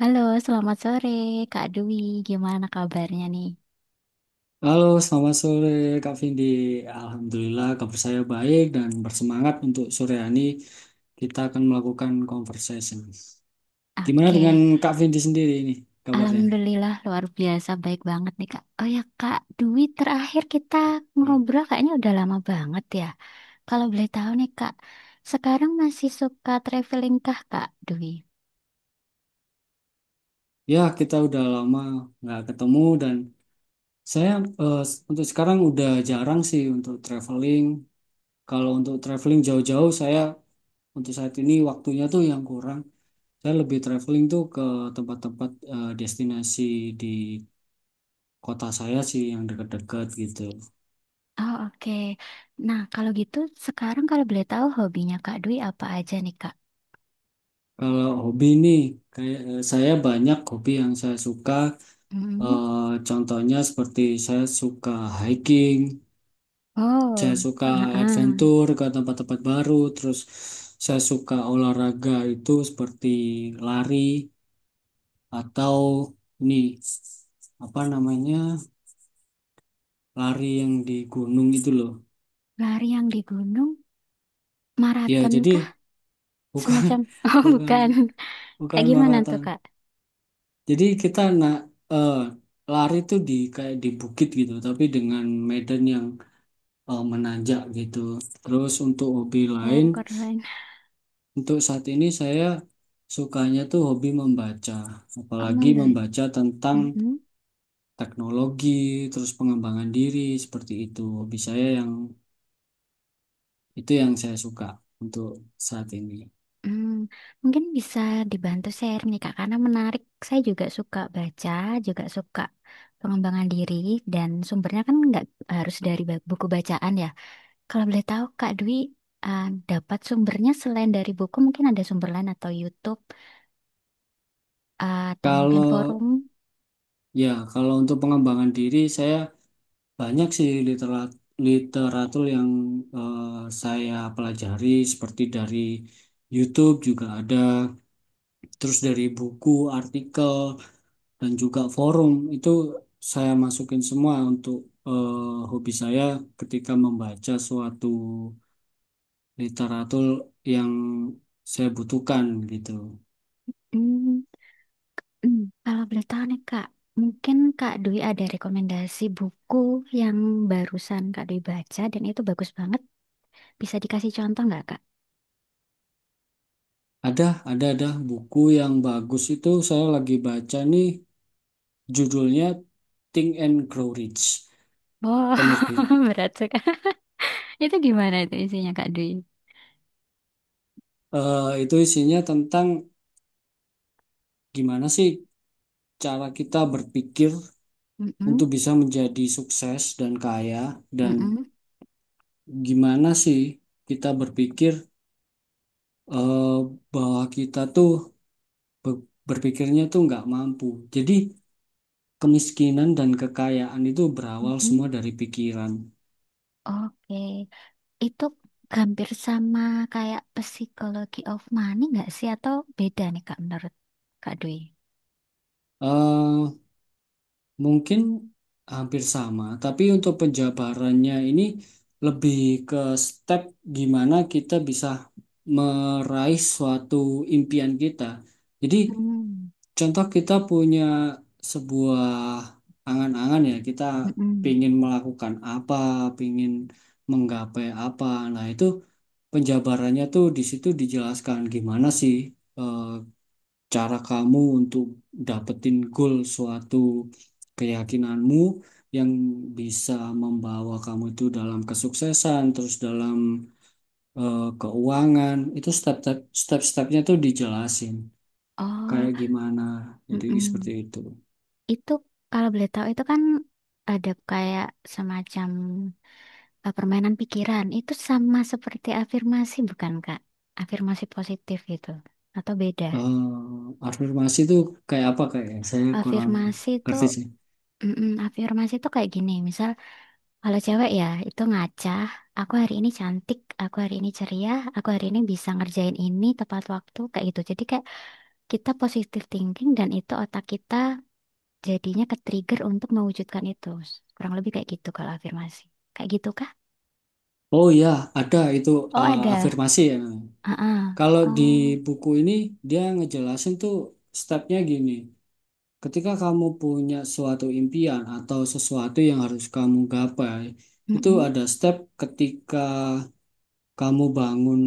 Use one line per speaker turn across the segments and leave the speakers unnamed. Halo, selamat sore Kak Dwi. Gimana kabarnya nih?
Halo, selamat sore Kak Vindi. Alhamdulillah kabar saya baik dan bersemangat untuk sore hari ini kita akan melakukan conversation. Gimana dengan
Oke.
Kak Vindi sendiri ini kabarnya?
Alhamdulillah luar biasa baik banget nih Kak. Oh ya Kak Dwi, terakhir kita
Baik.
ngobrol kayaknya udah lama banget ya. Kalau boleh tahu nih Kak, sekarang masih suka traveling kah Kak Dwi?
Ya, kita udah lama nggak ketemu dan saya eh, untuk sekarang udah jarang sih untuk traveling. Kalau untuk traveling jauh-jauh saya untuk saat ini waktunya tuh yang kurang. Saya lebih traveling tuh ke tempat-tempat destinasi di kota saya sih yang dekat-dekat gitu.
Oh oke. Nah kalau gitu sekarang kalau boleh tahu hobinya Kak Dwi apa aja nih Kak?
Kalau hobi nih, kayak saya banyak hobi yang saya suka.
Hmm.
Eh, Contohnya seperti saya suka hiking, saya
Oh,
suka
heeh.
adventure ke tempat-tempat baru, terus saya suka olahraga itu seperti lari atau nih apa namanya lari yang di gunung itu loh.
Lari yang di gunung,
Ya
maraton
jadi
kah?
bukan
Semacam, oh
bukan
bukan.
bukan
Kayak gimana tuh,
maraton.
Kak?
Jadi kita eh, lari tuh di kayak di bukit gitu, tapi dengan medan yang menanjak gitu. Terus untuk hobi lain,
Oh, keren.
untuk saat ini saya sukanya tuh hobi membaca,
Oh,
apalagi
membantu.
membaca tentang
Mm-mm.
teknologi, terus pengembangan diri seperti itu. Hobi saya yang itu yang saya suka untuk saat ini.
Hmm. Mungkin bisa dibantu share nih, Kak, karena menarik. Saya juga suka baca, juga suka pengembangan diri, dan sumbernya kan nggak harus dari buku bacaan ya. Kalau boleh tahu, Kak Dwi, eh, dapat sumbernya selain dari buku, mungkin ada sumber lain atau YouTube, atau mungkin forum.
Kalau kalau untuk pengembangan diri saya banyak sih literatur yang eh, saya pelajari seperti dari YouTube juga ada, terus dari buku, artikel, dan juga forum itu saya masukin semua untuk hobi saya ketika membaca suatu literatur yang saya butuhkan gitu.
Hmm. Kalau boleh tahu nih Kak, mungkin Kak Dwi ada rekomendasi buku yang barusan Kak Dwi baca dan itu bagus banget. Bisa dikasih contoh nggak Kak?
Ada, ada buku yang bagus itu saya lagi baca nih judulnya Think and Grow Rich.
Oh,
penerbit
berat sekali. Itu gimana itu isinya Kak Dwi?
Eh, itu isinya tentang gimana sih cara kita berpikir
Mm-mm,
untuk bisa menjadi sukses dan kaya, dan
mm-mm,
gimana sih kita berpikir eh, bahwa kita tuh berpikirnya tuh nggak mampu. Jadi kemiskinan dan kekayaan itu berawal
mm-mm.
semua dari pikiran.
Oke. Itu hampir sama kayak Psychology of Money nggak sih? Atau beda nih Kak menurut Kak Dwi?
Eh, Mungkin hampir sama, tapi untuk penjabarannya ini lebih ke step gimana kita bisa meraih suatu impian kita. Jadi,
Hmm,
contoh kita punya sebuah angan-angan ya, kita
mm-mm.
pingin melakukan apa, pingin menggapai apa. Nah, itu penjabarannya tuh di situ dijelaskan gimana sih eh, cara kamu untuk dapetin goal suatu keyakinanmu yang bisa membawa kamu itu dalam kesuksesan, terus dalam keuangan, itu step-stepnya tuh dijelasin
Oh,
kayak gimana. Jadi seperti
mm-mm.
itu.
Itu kalau boleh tahu itu kan ada kayak semacam permainan pikiran. Itu sama seperti afirmasi bukan Kak? Afirmasi positif gitu atau beda?
eh afirmasi itu kayak apa kayak ya? Saya kurang
Afirmasi itu
ngerti sih.
mm-mm, afirmasi itu kayak gini. Misal kalau cewek ya itu ngaca, aku hari ini cantik, aku hari ini ceria, aku hari ini bisa ngerjain ini tepat waktu kayak gitu. Jadi kayak kita positive thinking dan itu otak kita jadinya ke-trigger untuk mewujudkan itu. Kurang lebih kayak gitu kalau afirmasi. Kayak gitu kah?
Oh ya, ada itu
Oh, ada.
afirmasi ya.
Ah ah.
Kalau di
Oh,
buku ini dia ngejelasin tuh stepnya gini. Ketika kamu punya suatu impian atau sesuatu yang harus kamu gapai, itu
mm-mm,
ada step ketika kamu bangun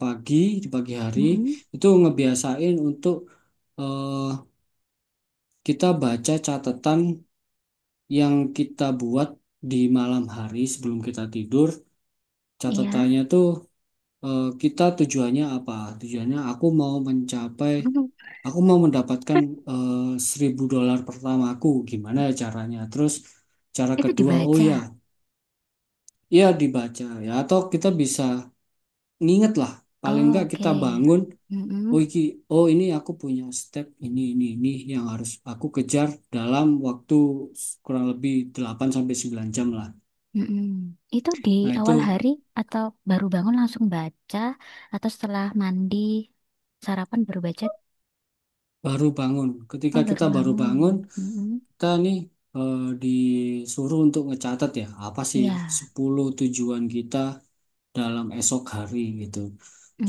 pagi di pagi hari,
mm-mm,
itu ngebiasain untuk eh, kita baca catatan yang kita buat di malam hari sebelum kita tidur.
iya.
Catatannya tuh kita tujuannya apa? Tujuannya
Mm.
aku mau mendapatkan eh, $1.000 pertamaku gimana ya caranya, terus cara
Itu
kedua oh
dibaca.
ya, ya dibaca ya, atau kita bisa nginget lah paling
Oh,
nggak kita
oke.
bangun, oh
Mm-mm,
iki oh ini aku punya step ini yang harus aku kejar dalam waktu kurang lebih 8 sampai 9 jam lah,
mm-mm. Itu di
nah
awal
itu
hari atau baru bangun langsung baca atau setelah mandi sarapan baru baca?
baru bangun. Ketika
Oh, baru
kita baru
bangun.
bangun,
Mm-mm.
kita nih eh, disuruh untuk ngecatat ya, apa sih
Iya.
10 tujuan kita dalam esok hari gitu.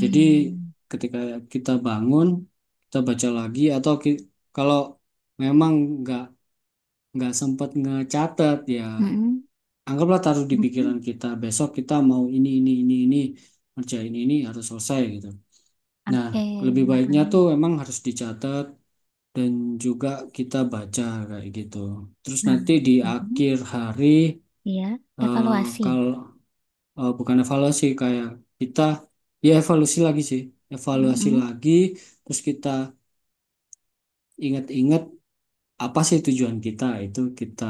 Jadi ketika kita bangun, kita baca lagi atau kalau memang nggak nggak sempat ngecatat ya,
Mm-mm.
anggaplah taruh di
Mm-mm.
pikiran kita besok kita mau ini kerja ini harus selesai gitu. Nah,
Oke.
lebih
Nah,
baiknya
ah.
tuh memang harus dicatat dan juga kita baca kayak gitu. Terus
Nah.
nanti di
Mm-mm.
akhir hari
Iya,
eh
evaluasi.
kalau bukan evaluasi kayak kita, ya evaluasi lagi sih, evaluasi
Mm-mm.
lagi. Terus kita ingat-ingat apa sih tujuan kita, itu kita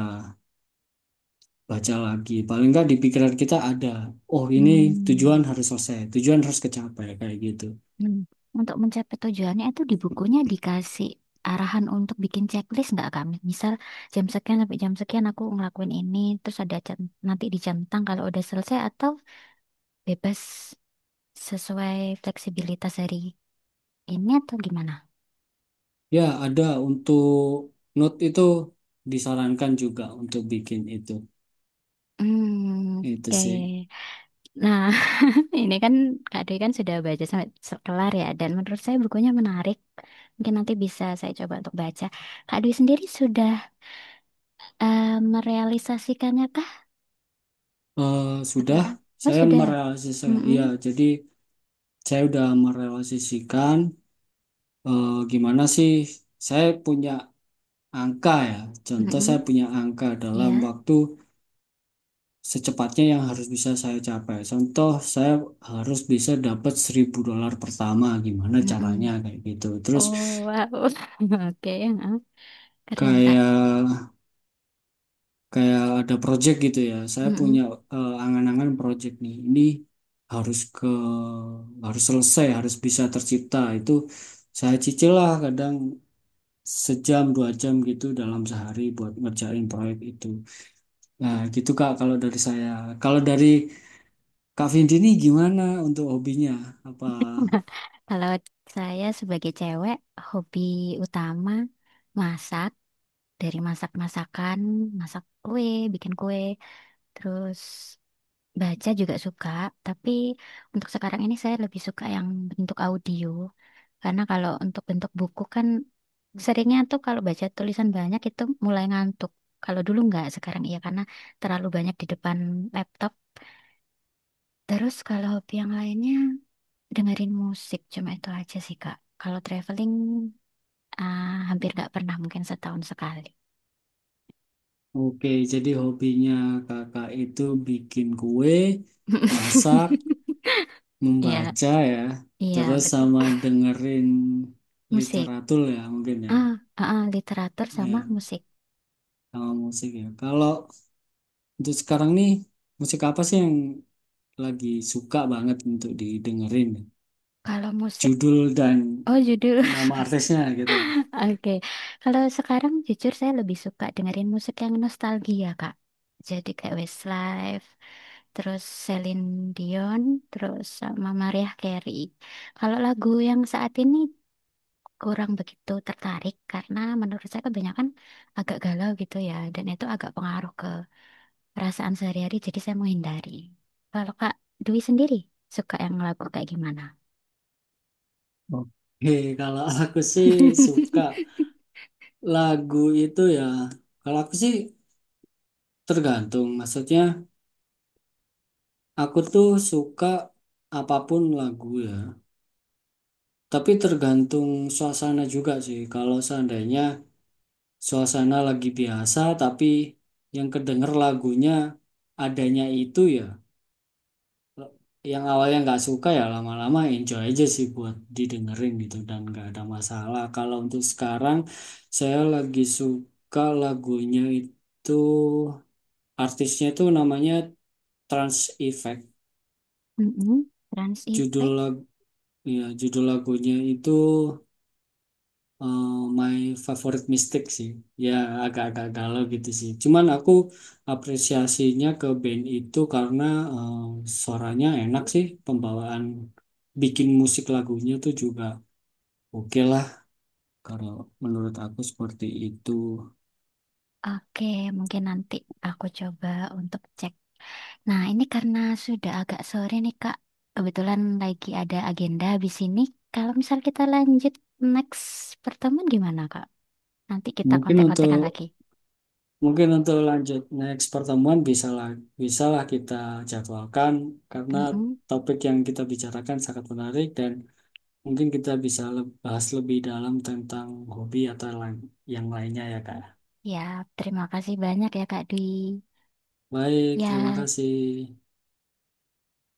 baca lagi. Paling nggak di pikiran kita ada, oh ini
Hmm.
tujuan harus selesai, tujuan harus kecapai kayak gitu.
Hmm. Untuk mencapai tujuannya itu di bukunya dikasih arahan untuk bikin checklist nggak kami? Misal jam sekian sampai jam sekian aku ngelakuin ini, terus ada jam, nanti dijentang kalau udah selesai atau bebas sesuai fleksibilitas hari ini atau gimana?
Ya, ada, untuk note itu disarankan juga untuk bikin itu.
Hmm,
Itu
oke.
sih.
Nah, ini kan Kak Dwi kan sudah baca sampai kelar ya, dan menurut saya bukunya menarik. Mungkin nanti bisa saya coba untuk baca. Kak Dwi sendiri sudah eh, merealisasikannya kah
Eh, sudah,
sekarang? Oh
saya
sudah.
merealisasikan.
Mm-mm.
Iya, jadi saya udah merealisasikan gimana sih saya punya angka ya. Contoh saya
Mm-mm.
punya angka dalam
Iya.
waktu secepatnya yang harus bisa saya capai. Contoh saya harus bisa dapat $1.000 pertama. Gimana
Mm-mm.
caranya kayak gitu. Terus
Oh wow. Oke, heeh. Keren Kak.
kayak kayak ada project gitu ya. Saya punya
Mm-mm.
angan-angan project nih. Ini harus ke harus selesai, harus bisa tercipta. Itu saya cicil lah kadang 1 jam 2 jam gitu dalam sehari buat ngerjain proyek itu. Nah, gitu Kak kalau dari saya. Kalau dari Kak Vindi ini gimana untuk hobinya? Apa.
Kalau saya sebagai cewek, hobi utama masak. Dari masak-masakan, masak kue, bikin kue, terus baca juga suka, tapi untuk sekarang ini saya lebih suka yang bentuk audio. Karena kalau untuk bentuk buku kan seringnya tuh kalau baca tulisan banyak itu mulai ngantuk. Kalau dulu nggak, sekarang iya karena terlalu banyak di depan laptop. Terus kalau hobi yang lainnya dengerin musik cuma itu aja sih Kak. Kalau traveling ah, hampir nggak pernah mungkin setahun sekali.
Oke, jadi hobinya Kakak itu bikin kue, masak,
Iya,
membaca ya,
iya
terus
betul.
sama dengerin
Musik.
literatur ya mungkin ya,
Ah, ah, ah, literatur sama
ya
musik.
sama musik ya. Kalau untuk sekarang nih, musik apa sih yang lagi suka banget untuk didengerin?
Kalau musik
Judul dan
oh judul,
nama artisnya gitu.
oke. Kalau sekarang jujur saya lebih suka dengerin musik yang nostalgia Kak. Jadi kayak Westlife, terus Celine Dion, terus sama Mariah Carey. Kalau lagu yang saat ini kurang begitu tertarik karena menurut saya kebanyakan agak galau gitu ya, dan itu agak pengaruh ke perasaan sehari-hari. Jadi saya menghindari. Kalau Kak Dwi sendiri suka yang lagu kayak gimana?
Oke, kalau aku sih suka lagu itu ya. Kalau aku sih tergantung, maksudnya aku tuh suka apapun lagu ya. Tapi tergantung suasana juga sih. Kalau seandainya suasana lagi biasa, tapi yang kedenger lagunya adanya itu ya, yang awalnya nggak suka ya lama-lama enjoy aja sih buat didengerin gitu dan nggak ada masalah. Kalau untuk sekarang, saya lagi suka lagunya itu, artisnya itu namanya Trans Effect.
Mm-mm. Trans
Judul
Effect.
lag- ya, judul lagunya itu eh, My Favorite Mystic sih. Ya agak-agak galau gitu sih. Cuman aku apresiasinya ke band itu karena eh, suaranya enak sih. Pembawaan bikin musik lagunya tuh juga oke lah. Kalau menurut aku seperti itu.
Oke, mungkin nanti aku coba untuk cek. Nah, ini karena sudah agak sore nih, Kak. Kebetulan lagi ada agenda di sini. Kalau misal kita lanjut next pertemuan gimana, Kak? Nanti kita
Mungkin
kontak-kontakan
untuk
lagi.
mungkin untuk lanjut next pertemuan bisalah kita jadwalkan karena
Mm-mm.
topik yang kita bicarakan sangat menarik, dan mungkin kita bisa bahas lebih dalam tentang hobi atau yang lainnya ya, Kak.
Ya, terima kasih banyak ya, Kak Dwi.
Baik, terima
Ya.
kasih.